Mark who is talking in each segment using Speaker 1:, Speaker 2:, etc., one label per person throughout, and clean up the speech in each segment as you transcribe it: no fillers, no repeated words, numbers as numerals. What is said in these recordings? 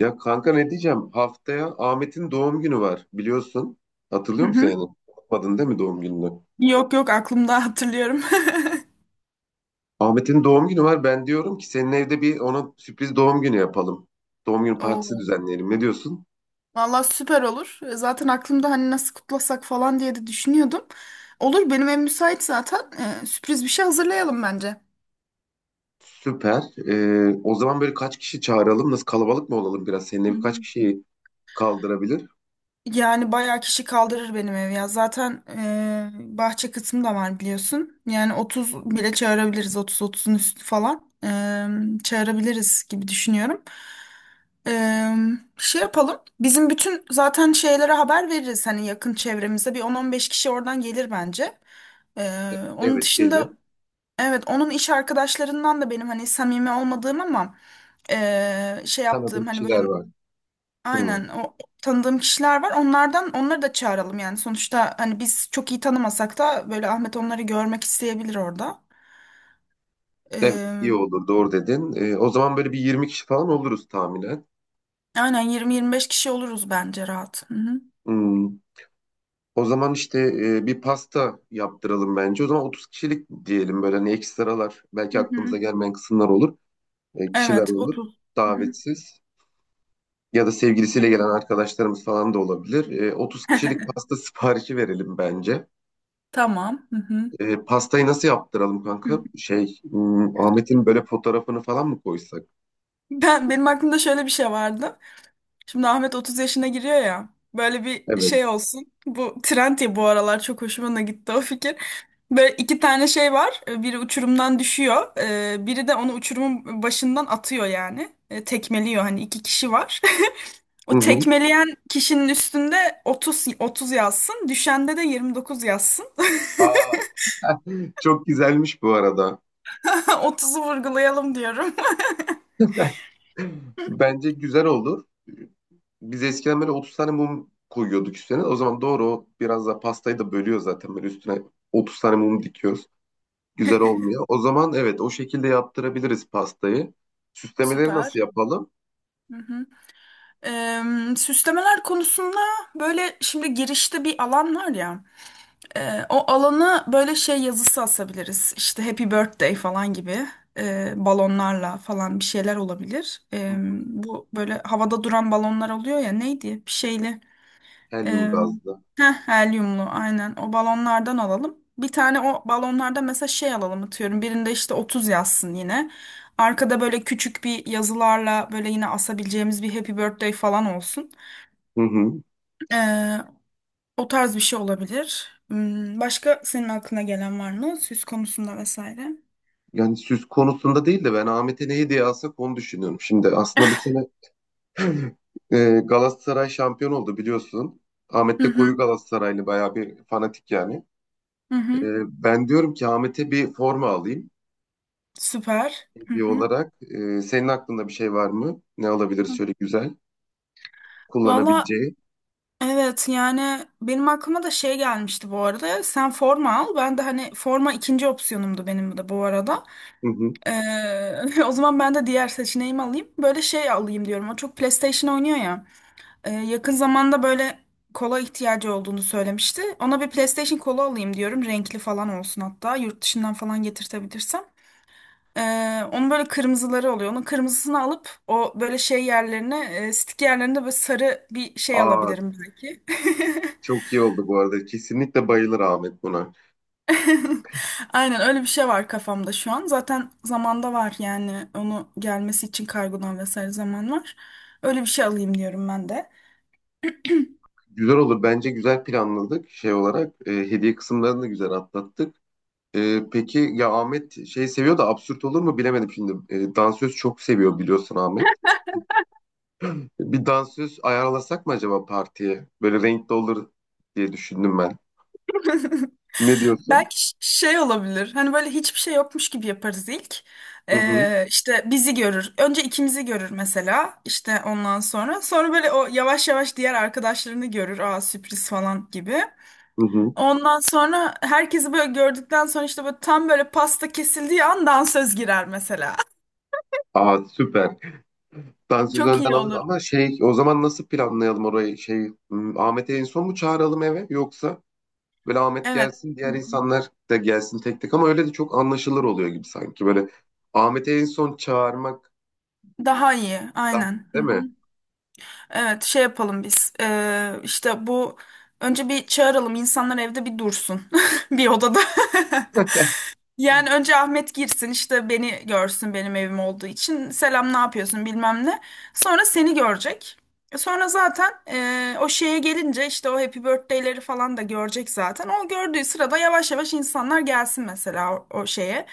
Speaker 1: Ya kanka, ne diyeceğim? Haftaya Ahmet'in doğum günü var, biliyorsun.
Speaker 2: Hı
Speaker 1: Hatırlıyor musun
Speaker 2: hı.
Speaker 1: yani? Unutmadın değil mi doğum gününü?
Speaker 2: Yok yok aklımda hatırlıyorum.
Speaker 1: Ahmet'in doğum günü var. Ben diyorum ki senin evde bir ona sürpriz doğum günü yapalım. Doğum günü partisi
Speaker 2: Oo.
Speaker 1: düzenleyelim. Ne diyorsun?
Speaker 2: Valla süper olur. Zaten aklımda hani nasıl kutlasak falan diye de düşünüyordum. Olur benim ev müsait zaten. Sürpriz bir şey hazırlayalım bence.
Speaker 1: Süper. O zaman böyle kaç kişi çağıralım? Nasıl, kalabalık mı olalım biraz? Senin
Speaker 2: Hı
Speaker 1: ev kaç
Speaker 2: hı.
Speaker 1: kişiyi kaldırabilir?
Speaker 2: Yani bayağı kişi kaldırır benim ev ya. Zaten bahçe kısmı da var biliyorsun. Yani 30 bile çağırabiliriz. 30-30'un üstü falan. Çağırabiliriz gibi düşünüyorum. Eee, şey yapalım. Bizim bütün zaten şeylere haber veririz. Hani yakın çevremize bir 10-15 kişi oradan gelir bence. Onun
Speaker 1: Evet, gelir.
Speaker 2: dışında, evet, onun iş arkadaşlarından da benim hani samimi olmadığım ama şey
Speaker 1: Tanıdığım
Speaker 2: yaptığım hani böyle
Speaker 1: kişiler var. Hmm.
Speaker 2: aynen o tanıdığım kişiler var. Onlardan onları da çağıralım yani. Sonuçta hani biz çok iyi tanımasak da böyle Ahmet onları görmek isteyebilir orada.
Speaker 1: Evet, iyi
Speaker 2: Eee,
Speaker 1: olur, doğru dedin. O zaman böyle bir 20 kişi falan oluruz tahminen.
Speaker 2: aynen 20-25 kişi oluruz bence rahat. Hı hı.
Speaker 1: Hmm. O zaman işte bir pasta yaptıralım bence. O zaman 30 kişilik diyelim, böyle hani ekstralar,
Speaker 2: Hı
Speaker 1: belki aklımıza
Speaker 2: hı.
Speaker 1: gelmeyen kısımlar olur. E, kişiler
Speaker 2: Evet,
Speaker 1: olur
Speaker 2: 30. Hı
Speaker 1: davetsiz ya da sevgilisiyle gelen
Speaker 2: hı.
Speaker 1: arkadaşlarımız falan da olabilir. 30 kişilik pasta siparişi verelim bence.
Speaker 2: Tamam. Hı hı.
Speaker 1: Pastayı nasıl yaptıralım kanka? Şey, Ahmet'in böyle fotoğrafını falan mı koysak?
Speaker 2: Benim aklımda şöyle bir şey vardı. Şimdi Ahmet 30 yaşına giriyor ya. Böyle bir şey
Speaker 1: Evet.
Speaker 2: olsun. Bu trend ya bu aralar çok hoşuma da gitti o fikir. Böyle iki tane şey var. Biri uçurumdan düşüyor. Biri de onu uçurumun başından atıyor yani. Tekmeliyor hani iki kişi var.
Speaker 1: Hı
Speaker 2: O
Speaker 1: hı.
Speaker 2: tekmeleyen kişinin üstünde 30 30 yazsın. Düşende de 29 yazsın.
Speaker 1: Aa, çok güzelmiş bu arada.
Speaker 2: 30'u vurgulayalım diyorum.
Speaker 1: Bence güzel olur. Biz eskiden böyle 30 tane mum koyuyorduk üstüne. O zaman doğru, o biraz da pastayı da bölüyor zaten. Böyle üstüne 30 tane mum dikiyoruz. Güzel olmuyor. O zaman evet, o şekilde yaptırabiliriz pastayı. Süslemeleri
Speaker 2: Süper.
Speaker 1: nasıl yapalım?
Speaker 2: Hı hı. Eee, süslemeler konusunda böyle şimdi girişte bir alan var ya. O alana böyle şey yazısı asabiliriz. İşte Happy Birthday falan gibi balonlarla falan bir şeyler olabilir. Bu böyle havada duran balonlar oluyor ya neydi? Bir şeyli.
Speaker 1: Helyum
Speaker 2: eee
Speaker 1: gazlı.
Speaker 2: helyumlu aynen o balonlardan alalım. Bir tane o balonlarda mesela şey alalım atıyorum. Birinde işte 30 yazsın yine. Arkada böyle küçük bir yazılarla böyle yine asabileceğimiz bir Happy Birthday falan olsun.
Speaker 1: Hı hı.
Speaker 2: Ee, o tarz bir şey olabilir. Başka senin aklına gelen var mı? Süs konusunda vesaire.
Speaker 1: Yani süs konusunda değil de ben Ahmet'e ne hediye alsak onu düşünüyorum. Şimdi aslında bu sene Galatasaray şampiyon oldu biliyorsun. Ahmet
Speaker 2: Hı
Speaker 1: de
Speaker 2: hı,
Speaker 1: koyu Galatasaraylı, bayağı bir fanatik yani.
Speaker 2: hı hı.
Speaker 1: Ben diyorum ki Ahmet'e bir forma alayım
Speaker 2: Süper. Hı
Speaker 1: hediye
Speaker 2: hı.
Speaker 1: olarak. Senin aklında bir şey var mı? Ne alabilir şöyle güzel
Speaker 2: Valla,
Speaker 1: kullanabileceği?
Speaker 2: evet, yani benim aklıma da şey gelmişti bu arada. Sen forma al. Ben de hani forma ikinci opsiyonumdu benim de bu arada.
Speaker 1: Hı hı.
Speaker 2: O zaman ben de diğer seçeneğimi alayım. Böyle şey alayım diyorum. O çok PlayStation oynuyor ya. Yakın zamanda böyle kola ihtiyacı olduğunu söylemişti. Ona bir PlayStation kola alayım diyorum. Renkli falan olsun hatta. Yurt dışından falan getirtebilirsem. Onun böyle kırmızıları oluyor. Onun kırmızısını alıp o böyle şey yerlerine, stick yerlerinde böyle sarı bir şey
Speaker 1: Aa,
Speaker 2: alabilirim belki.
Speaker 1: çok iyi oldu bu arada. Kesinlikle bayılır Ahmet buna.
Speaker 2: Aynen öyle bir şey var kafamda şu an. Zaten zamanda var yani onu gelmesi için kargodan vesaire zaman var. Öyle bir şey alayım diyorum ben de.
Speaker 1: Güzel olur. Bence güzel planladık şey olarak. Hediye kısımlarını da güzel atlattık. Peki ya Ahmet şey seviyor da, absürt olur mu bilemedim şimdi. Dansöz çok seviyor biliyorsun, Ahmet. Bir dansöz ayarlasak mı acaba partiye? Böyle renkli olur diye düşündüm ben. Ne diyorsun?
Speaker 2: Belki şey olabilir. Hani böyle hiçbir şey yokmuş gibi yaparız ilk.
Speaker 1: Hı hı.
Speaker 2: İşte bizi görür. Önce ikimizi görür mesela. İşte ondan sonra. Sonra böyle o yavaş yavaş diğer arkadaşlarını görür. Aa, sürpriz falan gibi.
Speaker 1: Hı hı.
Speaker 2: Ondan sonra herkesi böyle gördükten sonra işte böyle tam böyle pasta kesildiği an dansöz girer mesela.
Speaker 1: Aa, süper. Dansöz
Speaker 2: Çok
Speaker 1: önden
Speaker 2: iyi
Speaker 1: alırız
Speaker 2: olur.
Speaker 1: ama şey, o zaman nasıl planlayalım orayı? Şey, Ahmet'i en son mu çağıralım eve, yoksa böyle Ahmet
Speaker 2: Evet.
Speaker 1: gelsin diğer insanlar da gelsin tek tek, ama öyle de çok anlaşılır oluyor gibi sanki. Böyle Ahmet'i en son çağırmak
Speaker 2: Daha iyi.
Speaker 1: daha,
Speaker 2: Aynen. Hı
Speaker 1: değil mi?
Speaker 2: hı. Evet, şey yapalım biz. İşte bu, önce bir çağıralım, insanlar evde bir dursun. Bir odada. Yani önce Ahmet girsin işte beni görsün benim evim olduğu için. Selam ne yapıyorsun bilmem ne. Sonra seni görecek. Sonra zaten o şeye gelince işte o Happy Birthday'leri falan da görecek zaten. O gördüğü sırada yavaş yavaş insanlar gelsin mesela o şeye.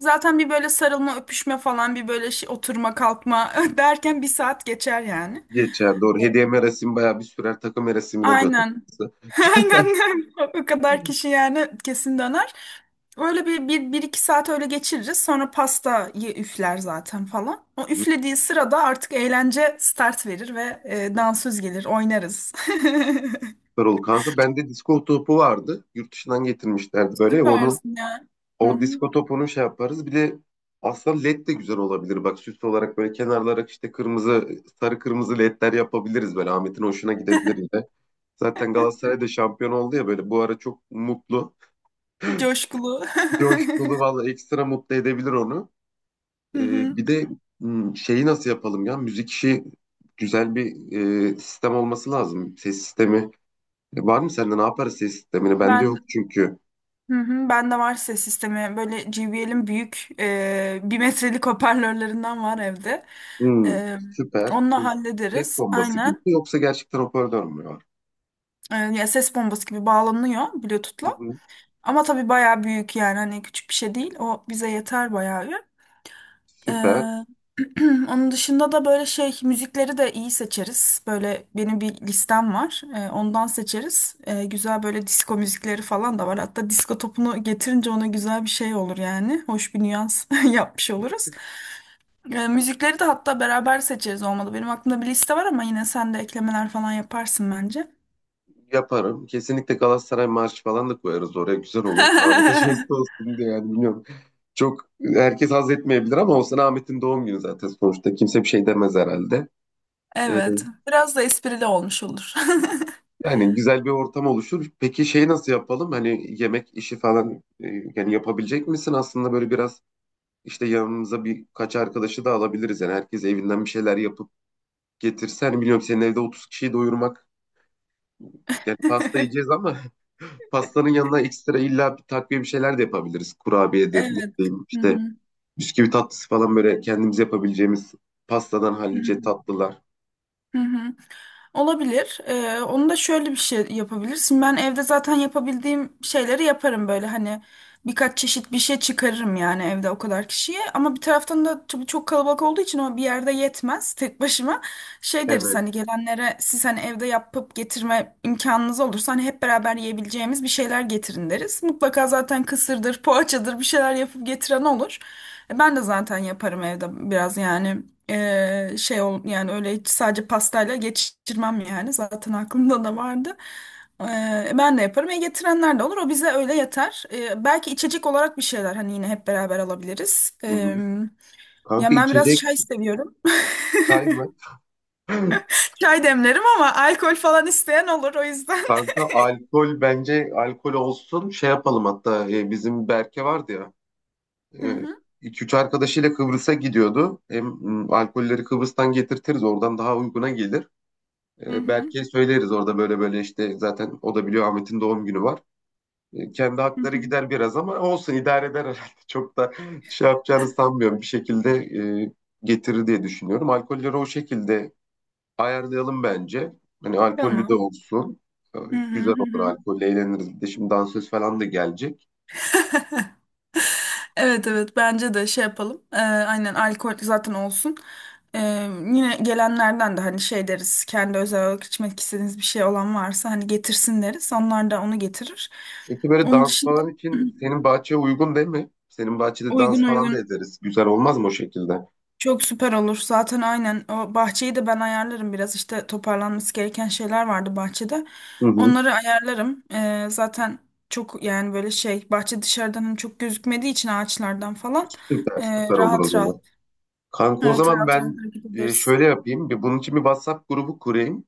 Speaker 2: Zaten bir böyle sarılma öpüşme falan bir böyle şey, oturma kalkma derken bir saat geçer yani.
Speaker 1: Geçer, doğru.
Speaker 2: Evet.
Speaker 1: Hediye merasimi bayağı bir sürer, takım merasimine döner.
Speaker 2: Aynen. Aynen o kadar kişi yani kesin döner. Öyle bir iki saat öyle geçiririz. Sonra pastayı üfler zaten falan. O üflediği sırada artık eğlence start verir ve dansöz gelir, oynarız.
Speaker 1: Süper oldu kanka. Bende disko topu vardı. Yurt dışından getirmişlerdi böyle. Onu,
Speaker 2: Süpersin ya. Hı
Speaker 1: o
Speaker 2: hı.
Speaker 1: disko topunu şey yaparız. Bir de aslında led de güzel olabilir. Bak, süs olarak böyle kenarlara işte kırmızı, sarı kırmızı ledler yapabiliriz böyle. Ahmet'in hoşuna gidebilir yine. Zaten Galatasaray da şampiyon oldu ya, böyle bu ara çok mutlu.
Speaker 2: Coşkulu.
Speaker 1: Coşkulu valla, ekstra mutlu edebilir onu.
Speaker 2: Hı hı.
Speaker 1: Bir de şeyi nasıl yapalım ya? Müzik işi, güzel bir sistem olması lazım. Ses sistemi. E, var mı sende, ne yaparız ses sistemini? Bende yok
Speaker 2: Ben
Speaker 1: çünkü.
Speaker 2: hı hı. Ben de var ses sistemi. Böyle JBL'in büyük bir metrelik hoparlörlerinden var evde.
Speaker 1: Hmm,
Speaker 2: E,
Speaker 1: süper.
Speaker 2: onunla
Speaker 1: Bir ses
Speaker 2: hallederiz.
Speaker 1: bombası gibi
Speaker 2: Aynen.
Speaker 1: mi, yoksa gerçekten hoparlör mü var?
Speaker 2: Ya ses bombası gibi bağlanıyor
Speaker 1: Hı
Speaker 2: Bluetooth'la.
Speaker 1: hı.
Speaker 2: Ama tabii bayağı büyük yani hani küçük bir şey değil. O bize yeter bayağı bir. E,
Speaker 1: Süper.
Speaker 2: Onun dışında da böyle şey müzikleri de iyi seçeriz. Böyle benim bir listem var. Ondan seçeriz. Güzel böyle disco müzikleri falan da var. Hatta disco topunu getirince ona güzel bir şey olur yani. Hoş bir nüans yapmış oluruz. Müzikleri de hatta beraber seçeriz olmadı. Benim aklımda bir liste var ama yine sen de eklemeler falan yaparsın bence.
Speaker 1: Yaparım. Kesinlikle Galatasaray marşı falan da koyarız oraya. Güzel olur. Ahmet'e jest olsun diye yani, bilmiyorum. Çok, herkes haz etmeyebilir ama olsun, Ahmet'in doğum günü zaten sonuçta. Kimse bir şey demez herhalde. Ee,
Speaker 2: Evet. Biraz da esprili olmuş olur.
Speaker 1: Yani güzel bir ortam oluşur. Peki şey nasıl yapalım? Hani yemek işi falan, yani yapabilecek misin? Aslında böyle biraz işte yanımıza birkaç arkadaşı da alabiliriz. Yani herkes evinden bir şeyler yapıp getirsen, biliyorum senin evde 30 kişiyi doyurmak. Yani pasta yiyeceğiz ama pastanın yanına ekstra illa bir takviye bir şeyler de yapabiliriz. Kurabiyedir, ne
Speaker 2: Evet.
Speaker 1: bileyim
Speaker 2: Hı
Speaker 1: işte
Speaker 2: hı.
Speaker 1: bisküvi tatlısı falan, böyle kendimiz yapabileceğimiz pastadan
Speaker 2: Hı
Speaker 1: hallice
Speaker 2: hı.
Speaker 1: tatlılar.
Speaker 2: Hı hı. Olabilir. Onu da şöyle bir şey yapabilirsin. Ben evde zaten yapabildiğim şeyleri yaparım böyle hani birkaç çeşit bir şey çıkarırım yani evde o kadar kişiye. Ama bir taraftan da tabii çok kalabalık olduğu için o bir yerde yetmez tek başıma. Şey deriz
Speaker 1: Evet.
Speaker 2: hani gelenlere siz hani evde yapıp getirme imkanınız olursa hani hep beraber yiyebileceğimiz bir şeyler getirin deriz. Mutlaka zaten kısırdır, poğaçadır bir şeyler yapıp getiren olur. Ben de zaten yaparım evde biraz yani şey ol yani öyle hiç sadece pastayla geçirmem yani zaten aklımda da vardı. E, ben de yaparım. Getirenler de olur. O bize öyle yeter. Belki içecek olarak bir şeyler hani yine hep beraber alabiliriz.
Speaker 1: Hı
Speaker 2: E,
Speaker 1: hı. Kanka
Speaker 2: ya ben biraz
Speaker 1: içecek
Speaker 2: çay seviyorum.
Speaker 1: çay mı?
Speaker 2: Çay demlerim ama alkol falan isteyen olur o yüzden.
Speaker 1: Kanka alkol, bence alkol olsun. Şey yapalım hatta, bizim Berke vardı ya.
Speaker 2: Hı
Speaker 1: E,
Speaker 2: hı.
Speaker 1: 2 3 arkadaşıyla Kıbrıs'a gidiyordu. Hem alkolleri Kıbrıs'tan getirtiriz, oradan daha uyguna gelir.
Speaker 2: Hı
Speaker 1: E,
Speaker 2: hı.
Speaker 1: Berke'ye söyleriz, orada böyle böyle işte, zaten o da biliyor Ahmet'in doğum günü var. E, kendi
Speaker 2: Hı
Speaker 1: hakları
Speaker 2: hı.
Speaker 1: gider biraz ama olsun, idare eder herhalde. Çok da şey yapacağını sanmıyorum. Bir şekilde e, getirir diye düşünüyorum. Alkolleri o şekilde ayarlayalım bence. Hani alkollü de
Speaker 2: Tamam.
Speaker 1: olsun. E,
Speaker 2: Hı hı.
Speaker 1: Güzel
Speaker 2: Hı
Speaker 1: olur,
Speaker 2: hı.
Speaker 1: alkolle eğleniriz. Bir de şimdi dansöz falan da gelecek.
Speaker 2: Evet, evet, bence de şey yapalım. Aynen alkol zaten olsun. Ee, yine gelenlerden de hani şey deriz. Kendi özel olarak içmek istediğiniz bir şey olan varsa hani getirsin deriz. Onlar da onu getirir.
Speaker 1: Peki böyle
Speaker 2: Onun
Speaker 1: dans
Speaker 2: dışında
Speaker 1: falan için senin bahçeye uygun değil mi? Senin bahçede
Speaker 2: uygun
Speaker 1: dans falan da
Speaker 2: uygun
Speaker 1: ederiz. Güzel olmaz mı o şekilde?
Speaker 2: çok süper olur. Zaten aynen o bahçeyi de ben ayarlarım biraz. İşte toparlanması gereken şeyler vardı bahçede.
Speaker 1: Hı hı.
Speaker 2: Onları ayarlarım. Zaten çok yani böyle şey bahçe dışarıdan hani çok gözükmediği için ağaçlardan falan
Speaker 1: Süper, süper olur o
Speaker 2: rahat rahat.
Speaker 1: zaman. Kanka, o
Speaker 2: Evet,
Speaker 1: zaman
Speaker 2: rahat rahat
Speaker 1: ben
Speaker 2: hareket ederiz.
Speaker 1: şöyle yapayım. Bir, bunun için bir WhatsApp grubu kurayım.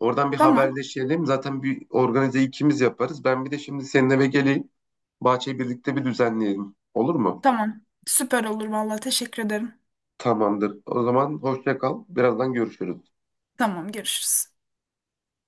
Speaker 1: Oradan bir
Speaker 2: Tamam.
Speaker 1: haberleşelim. Zaten bir organize ikimiz yaparız. Ben bir de şimdi senin eve geleyim. Bahçeyi birlikte bir düzenleyelim. Olur mu?
Speaker 2: Tamam. Süper olur vallahi, teşekkür ederim.
Speaker 1: Tamamdır. O zaman hoşça kal. Birazdan görüşürüz.
Speaker 2: Tamam, görüşürüz.